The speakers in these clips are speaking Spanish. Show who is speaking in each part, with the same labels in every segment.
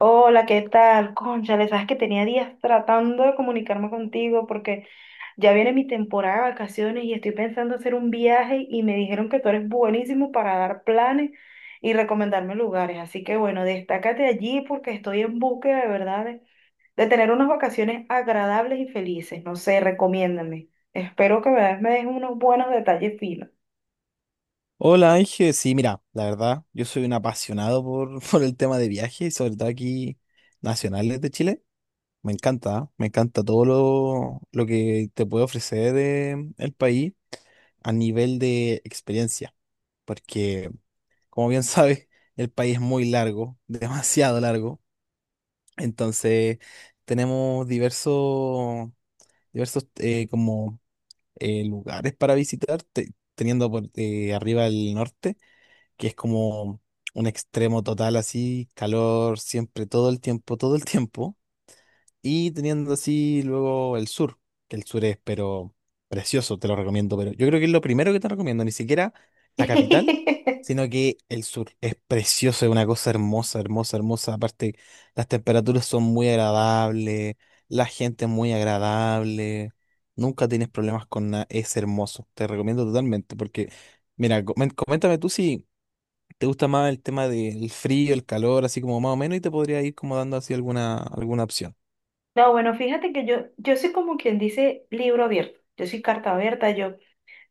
Speaker 1: Hola, ¿qué tal? Cónchale, sabes que tenía días tratando de comunicarme contigo porque ya viene mi temporada de vacaciones y estoy pensando hacer un viaje y me dijeron que tú eres buenísimo para dar planes y recomendarme lugares. Así que bueno, destácate allí porque estoy en búsqueda de verdad de tener unas vacaciones agradables y felices. No sé, recomiéndame. Espero que me des unos buenos detalles finos.
Speaker 2: Hola Ángel, sí, mira, la verdad, yo soy un apasionado por, por el tema de viajes, sobre todo aquí nacionales de Chile. Me encanta, ¿ah? Me encanta todo lo que te puede ofrecer el país a nivel de experiencia, porque como bien sabes, el país es muy largo, demasiado largo, entonces tenemos diversos, como lugares para visitar, teniendo por arriba el norte, que es como un extremo total así, calor siempre, todo el tiempo, y teniendo así luego el sur, que el sur es pero precioso, te lo recomiendo, pero yo creo que es lo primero que te recomiendo, ni siquiera la capital, sino que el sur es precioso, es una cosa hermosa, hermosa, hermosa. Aparte, las temperaturas son muy agradables, la gente es muy agradable. Nunca tienes problemas con nada, es hermoso, te recomiendo totalmente, porque mira, coméntame tú si te gusta más el tema del frío, el calor, así como más o menos, y te podría ir como dando así alguna, alguna opción.
Speaker 1: No, bueno, fíjate que yo soy como quien dice libro abierto, yo soy carta abierta, yo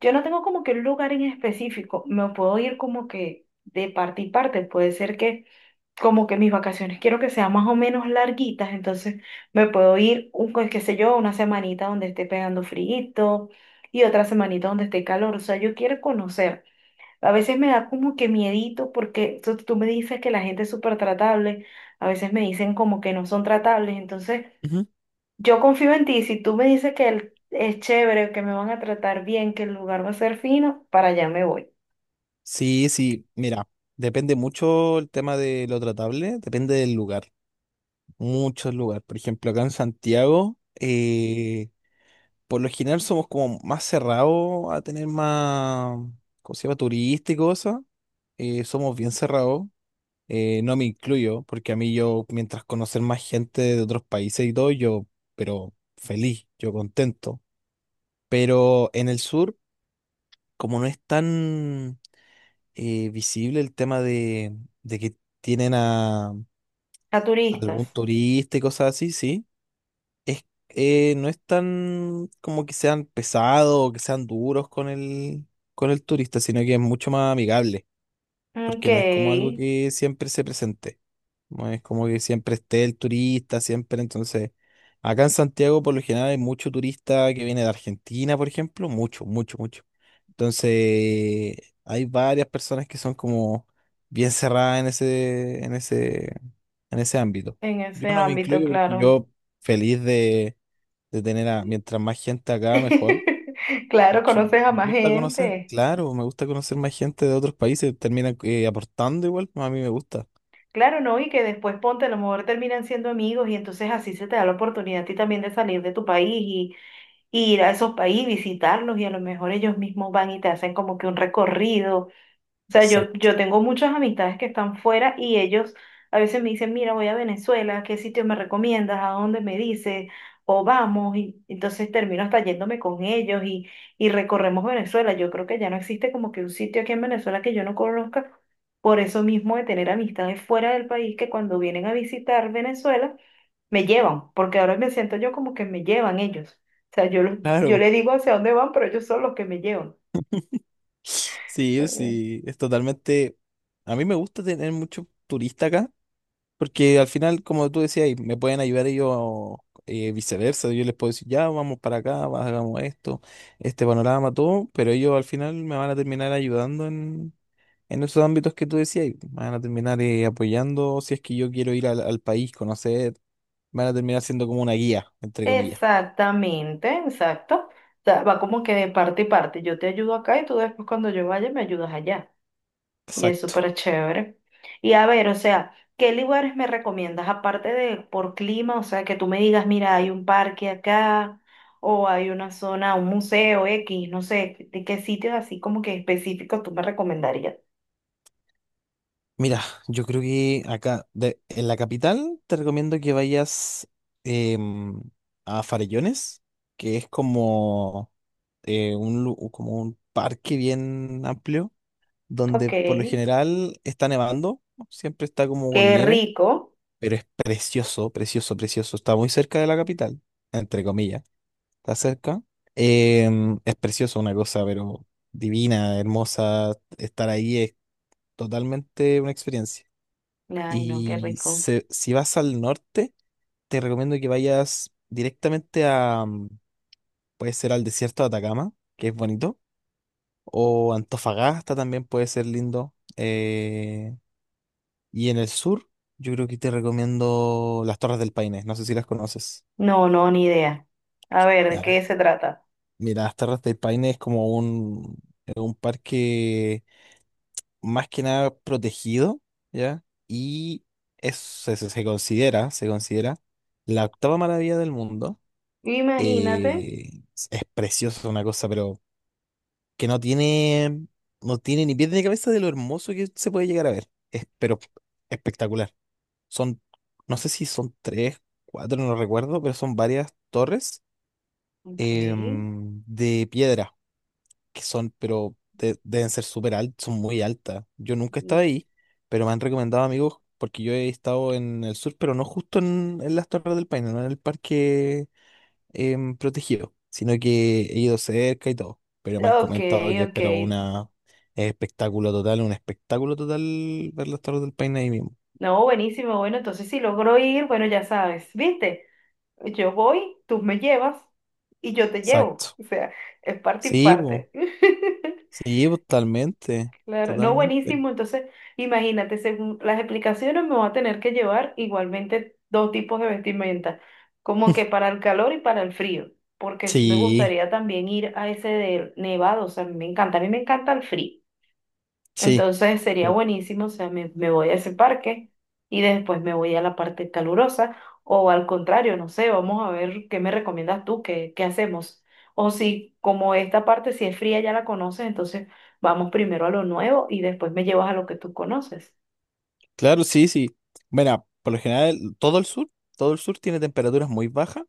Speaker 1: Yo no tengo como que un lugar en específico, me puedo ir como que de parte y parte, puede ser que como que mis vacaciones quiero que sean más o menos larguitas, entonces me puedo ir, un, pues, qué sé yo, una semanita donde esté pegando frío y otra semanita donde esté calor, o sea, yo quiero conocer. A veces me da como que miedito porque tú me dices que la gente es súper tratable, a veces me dicen como que no son tratables, entonces...
Speaker 2: Ujú.
Speaker 1: Yo confío en ti, si tú me dices que es chévere, que me van a tratar bien, que el lugar va a ser fino, para allá me voy.
Speaker 2: Sí, sí, mira, depende mucho el tema de lo tratable, depende del lugar, muchos lugares. Por ejemplo, acá en Santiago, por lo general somos como más cerrados a tener más, ¿cómo se llama? Turista y cosas. Somos bien cerrados. No me incluyo, porque a mí yo, mientras conocer más gente de otros países y todo, yo, pero feliz, yo contento. Pero en el sur, como no es tan visible el tema de que tienen a
Speaker 1: A turistas.
Speaker 2: algún turista y cosas así, sí, es, no es tan como que sean pesados o que sean duros con el turista, sino que es mucho más amigable.
Speaker 1: Ok,
Speaker 2: Porque no es como algo
Speaker 1: en
Speaker 2: que siempre se presente. No es como que siempre esté el turista, siempre. Entonces, acá en Santiago por lo general hay mucho turista que viene de Argentina, por ejemplo, mucho, mucho, mucho. Entonces, hay varias personas que son como bien cerradas en ese ámbito. Yo
Speaker 1: ese
Speaker 2: no me
Speaker 1: ámbito,
Speaker 2: incluyo porque
Speaker 1: claro.
Speaker 2: yo feliz de tener a, mientras más gente acá, mejor.
Speaker 1: Claro,
Speaker 2: Porque
Speaker 1: conoces a
Speaker 2: me
Speaker 1: más
Speaker 2: gusta conocer,
Speaker 1: gente.
Speaker 2: claro, me gusta conocer más gente de otros países, termina aportando igual, a mí me gusta.
Speaker 1: Claro, ¿no? Y que después ponte, a lo mejor terminan siendo amigos y entonces así se te da la oportunidad a ti también de salir de tu país y ir a esos países, visitarlos y a lo mejor ellos mismos van y te hacen como que un recorrido sea, yo,
Speaker 2: Exacto.
Speaker 1: yo tengo muchas amistades que están fuera y ellos a veces me dicen, mira, voy a Venezuela, ¿qué sitio me recomiendas? ¿A dónde me dices? O vamos, y entonces termino hasta yéndome con ellos y recorremos Venezuela. Yo creo que ya no existe como que un sitio aquí en Venezuela que yo no conozca, por eso mismo de tener amistades fuera del país que cuando vienen a visitar Venezuela me llevan, porque ahora me siento yo como que me llevan ellos. O sea, yo, yo
Speaker 2: Claro,
Speaker 1: les digo hacia dónde van, pero ellos son los que me llevan.
Speaker 2: sí, sí, es totalmente, a mí me gusta tener mucho turista acá, porque al final, como tú decías, ahí, me pueden ayudar ellos, viceversa, yo les puedo decir, ya, vamos para acá, hagamos esto, este panorama, todo, pero ellos al final me van a terminar ayudando en esos ámbitos que tú decías, y me van a terminar apoyando si es que yo quiero ir al, al país, conocer. Van a terminar siendo como una guía, entre comillas.
Speaker 1: Exactamente, exacto. O sea, va como que de parte y parte. Yo te ayudo acá y tú después cuando yo vaya me ayudas allá. Y es
Speaker 2: Exacto.
Speaker 1: súper chévere. Y a ver, o sea, ¿qué lugares me recomiendas aparte de por clima? O sea, que tú me digas, mira, hay un parque acá o hay una zona, un museo X, no sé, ¿de qué sitios así como que específicos tú me recomendarías?
Speaker 2: Mira, yo creo que acá, en la capital, te recomiendo que vayas em, a Farellones, que es como, un, como un parque bien amplio, donde
Speaker 1: Ok,
Speaker 2: por lo general está nevando, siempre está como con
Speaker 1: qué
Speaker 2: nieve,
Speaker 1: rico.
Speaker 2: pero es precioso, precioso, precioso. Está muy cerca de la capital, entre comillas. Está cerca. Es precioso una cosa, pero divina, hermosa. Estar ahí es totalmente una experiencia.
Speaker 1: Ay, no, qué
Speaker 2: Y
Speaker 1: rico.
Speaker 2: si vas al norte, te recomiendo que vayas directamente a, puede ser al desierto de Atacama, que es bonito, o Antofagasta también puede ser lindo. Y en el sur, yo creo que te recomiendo las Torres del Paine, no sé si las conoces.
Speaker 1: No, no, ni idea. A ver, ¿de
Speaker 2: Ya,
Speaker 1: qué se trata?
Speaker 2: mira, las Torres del Paine es como un, es un parque más que nada protegido, ¿ya? Y es, se considera la octava maravilla del mundo.
Speaker 1: Imagínate.
Speaker 2: Es precioso una cosa, pero que no tiene, no tiene ni pies ni cabeza de lo hermoso que se puede llegar a ver. Es, pero espectacular. Son, no sé si son tres, cuatro, no recuerdo, pero son varias torres
Speaker 1: Okay,
Speaker 2: de piedra que son, pero deben ser súper altas, son muy altas. Yo nunca he estado ahí, pero me han recomendado amigos, porque yo he estado en el sur, pero no justo en las Torres del Paine, no en el parque protegido, sino que he ido cerca y todo. Pero me han
Speaker 1: ok,
Speaker 2: comentado que es
Speaker 1: ok.
Speaker 2: pero una, es espectáculo total, un espectáculo total ver las Torres del Paine ahí mismo.
Speaker 1: No, buenísimo. Bueno, entonces si logro ir, bueno, ya sabes, ¿viste? Yo voy, tú me llevas y yo te llevo.
Speaker 2: Exacto.
Speaker 1: O sea, es parte y
Speaker 2: Sí, po.
Speaker 1: parte.
Speaker 2: Sí, po, totalmente.
Speaker 1: Claro, no,
Speaker 2: Totalmente.
Speaker 1: buenísimo. Entonces, imagínate, según las explicaciones, me voy a tener que llevar igualmente dos tipos de vestimenta, como que para el calor y para el frío, porque sí me
Speaker 2: Sí,
Speaker 1: gustaría también ir a ese del nevado. O sea, a mí me encanta, a mí me encanta el frío.
Speaker 2: sí.
Speaker 1: Entonces sería buenísimo, o sea, me voy a ese parque y después me voy a la parte calurosa o al contrario, no sé, vamos a ver qué me recomiendas tú, qué hacemos. O si como esta parte si es fría ya la conoces, entonces vamos primero a lo nuevo y después me llevas a lo que tú conoces.
Speaker 2: Claro, sí, sí. Bueno, por lo general, todo el sur tiene temperaturas muy bajas,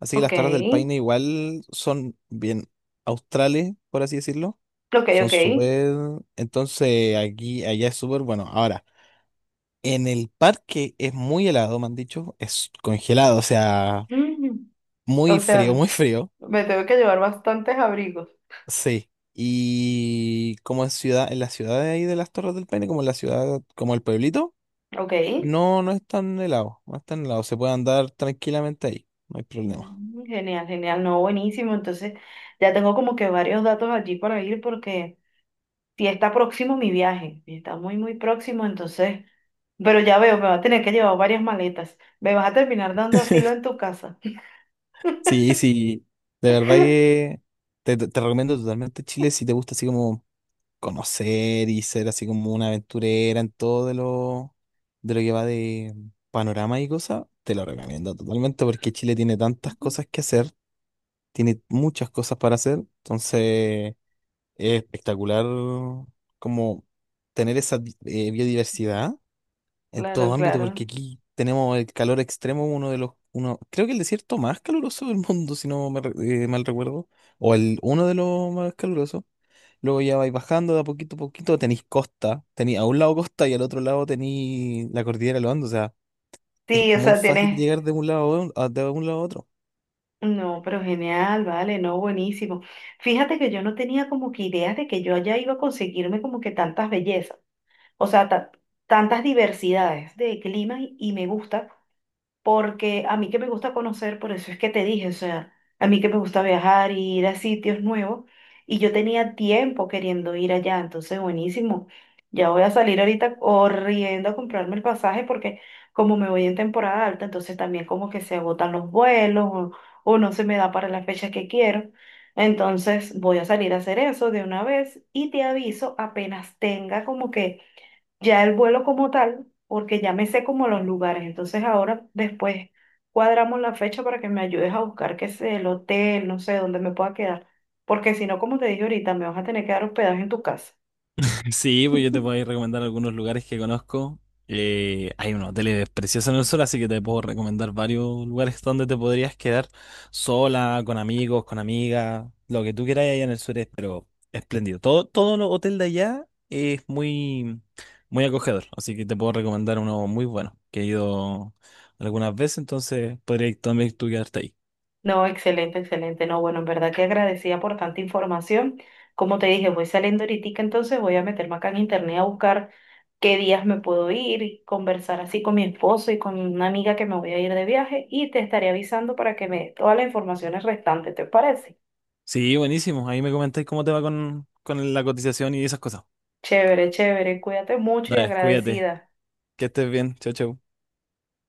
Speaker 2: así que
Speaker 1: Ok,
Speaker 2: las Torres del Paine igual son bien australes, por así decirlo.
Speaker 1: ok,
Speaker 2: Son
Speaker 1: ok.
Speaker 2: súper, entonces aquí, allá es súper bueno. Ahora, en el parque es muy helado, me han dicho, es congelado, o sea,
Speaker 1: Mm.
Speaker 2: muy
Speaker 1: O
Speaker 2: frío,
Speaker 1: sea,
Speaker 2: muy frío.
Speaker 1: me tengo que llevar bastantes abrigos.
Speaker 2: Sí. Y como en ciudad, en la ciudad de ahí de las Torres del Paine, como en la ciudad, como el pueblito.
Speaker 1: Ok.
Speaker 2: No, no es tan helado, no es tan helado, se puede andar tranquilamente ahí, no hay problema.
Speaker 1: Mm. Genial, genial, no, buenísimo. Entonces, ya tengo como que varios datos allí para ir porque... Y está próximo mi viaje, y está muy, muy próximo, entonces, pero ya veo, me va a tener que llevar varias maletas. Me vas a terminar dando asilo en tu casa.
Speaker 2: Sí, sí, de verdad que te, te recomiendo totalmente Chile si te gusta así como conocer y ser así como una aventurera en todo de lo que va de panorama y cosas, te lo recomiendo totalmente porque Chile tiene tantas cosas que hacer, tiene muchas cosas para hacer, entonces es espectacular como tener esa biodiversidad en
Speaker 1: Claro,
Speaker 2: todo ámbito, porque
Speaker 1: claro.
Speaker 2: aquí tenemos el calor extremo, uno de los, uno, creo que el desierto más caluroso del mundo, si no me mal recuerdo, o el uno de los más calurosos. Luego ya vais bajando de a poquito, tenéis costa, tenéis a un lado costa y al otro lado tenéis la cordillera de los Andes, o sea, es
Speaker 1: Sí, o
Speaker 2: muy
Speaker 1: sea,
Speaker 2: fácil
Speaker 1: tienes...
Speaker 2: llegar de un lado a de un lado a otro.
Speaker 1: No, pero genial, vale, no, buenísimo. Fíjate que yo no tenía como que ideas de que yo allá iba a conseguirme como que tantas bellezas, o sea, tantas diversidades de climas y me gusta porque a mí que me gusta conocer, por eso es que te dije, o sea, a mí que me gusta viajar y ir a sitios nuevos, y yo tenía tiempo queriendo ir allá, entonces buenísimo, ya voy a salir ahorita corriendo a comprarme el pasaje porque como me voy en temporada alta, entonces también como que se agotan los vuelos o no se me da para las fechas que quiero. Entonces voy a salir a hacer eso de una vez y te aviso apenas tenga como que ya el vuelo como tal, porque ya me sé como los lugares. Entonces ahora después cuadramos la fecha para que me ayudes a buscar qué sé, el hotel, no sé, dónde me pueda quedar. Porque si no, como te dije ahorita, me vas a tener que dar hospedaje en tu casa.
Speaker 2: Sí, pues yo te puedo ahí recomendar algunos lugares que conozco. Hay unos hoteles preciosos en el sur, así que te puedo recomendar varios lugares donde te podrías quedar sola, con amigos, con amigas, lo que tú quieras allá en el sur es, pero espléndido. Todo, todo lo hotel de allá es muy, muy acogedor, así que te puedo recomendar uno muy bueno, que he ido algunas veces, entonces podrías también tú quedarte ahí.
Speaker 1: No, excelente, excelente. No, bueno, en verdad que agradecida por tanta información. Como te dije, voy saliendo ahorita, entonces voy a meterme acá en internet a buscar qué días me puedo ir y conversar así con mi esposo y con una amiga que me voy a ir de viaje y te estaré avisando para que me dé todas las informaciones restantes, ¿te parece?
Speaker 2: Sí, buenísimo. Ahí me comentáis cómo te va con la cotización y esas cosas.
Speaker 1: Chévere, chévere. Cuídate mucho y
Speaker 2: Dale, cuídate,
Speaker 1: agradecida.
Speaker 2: que estés bien. Chao, chao.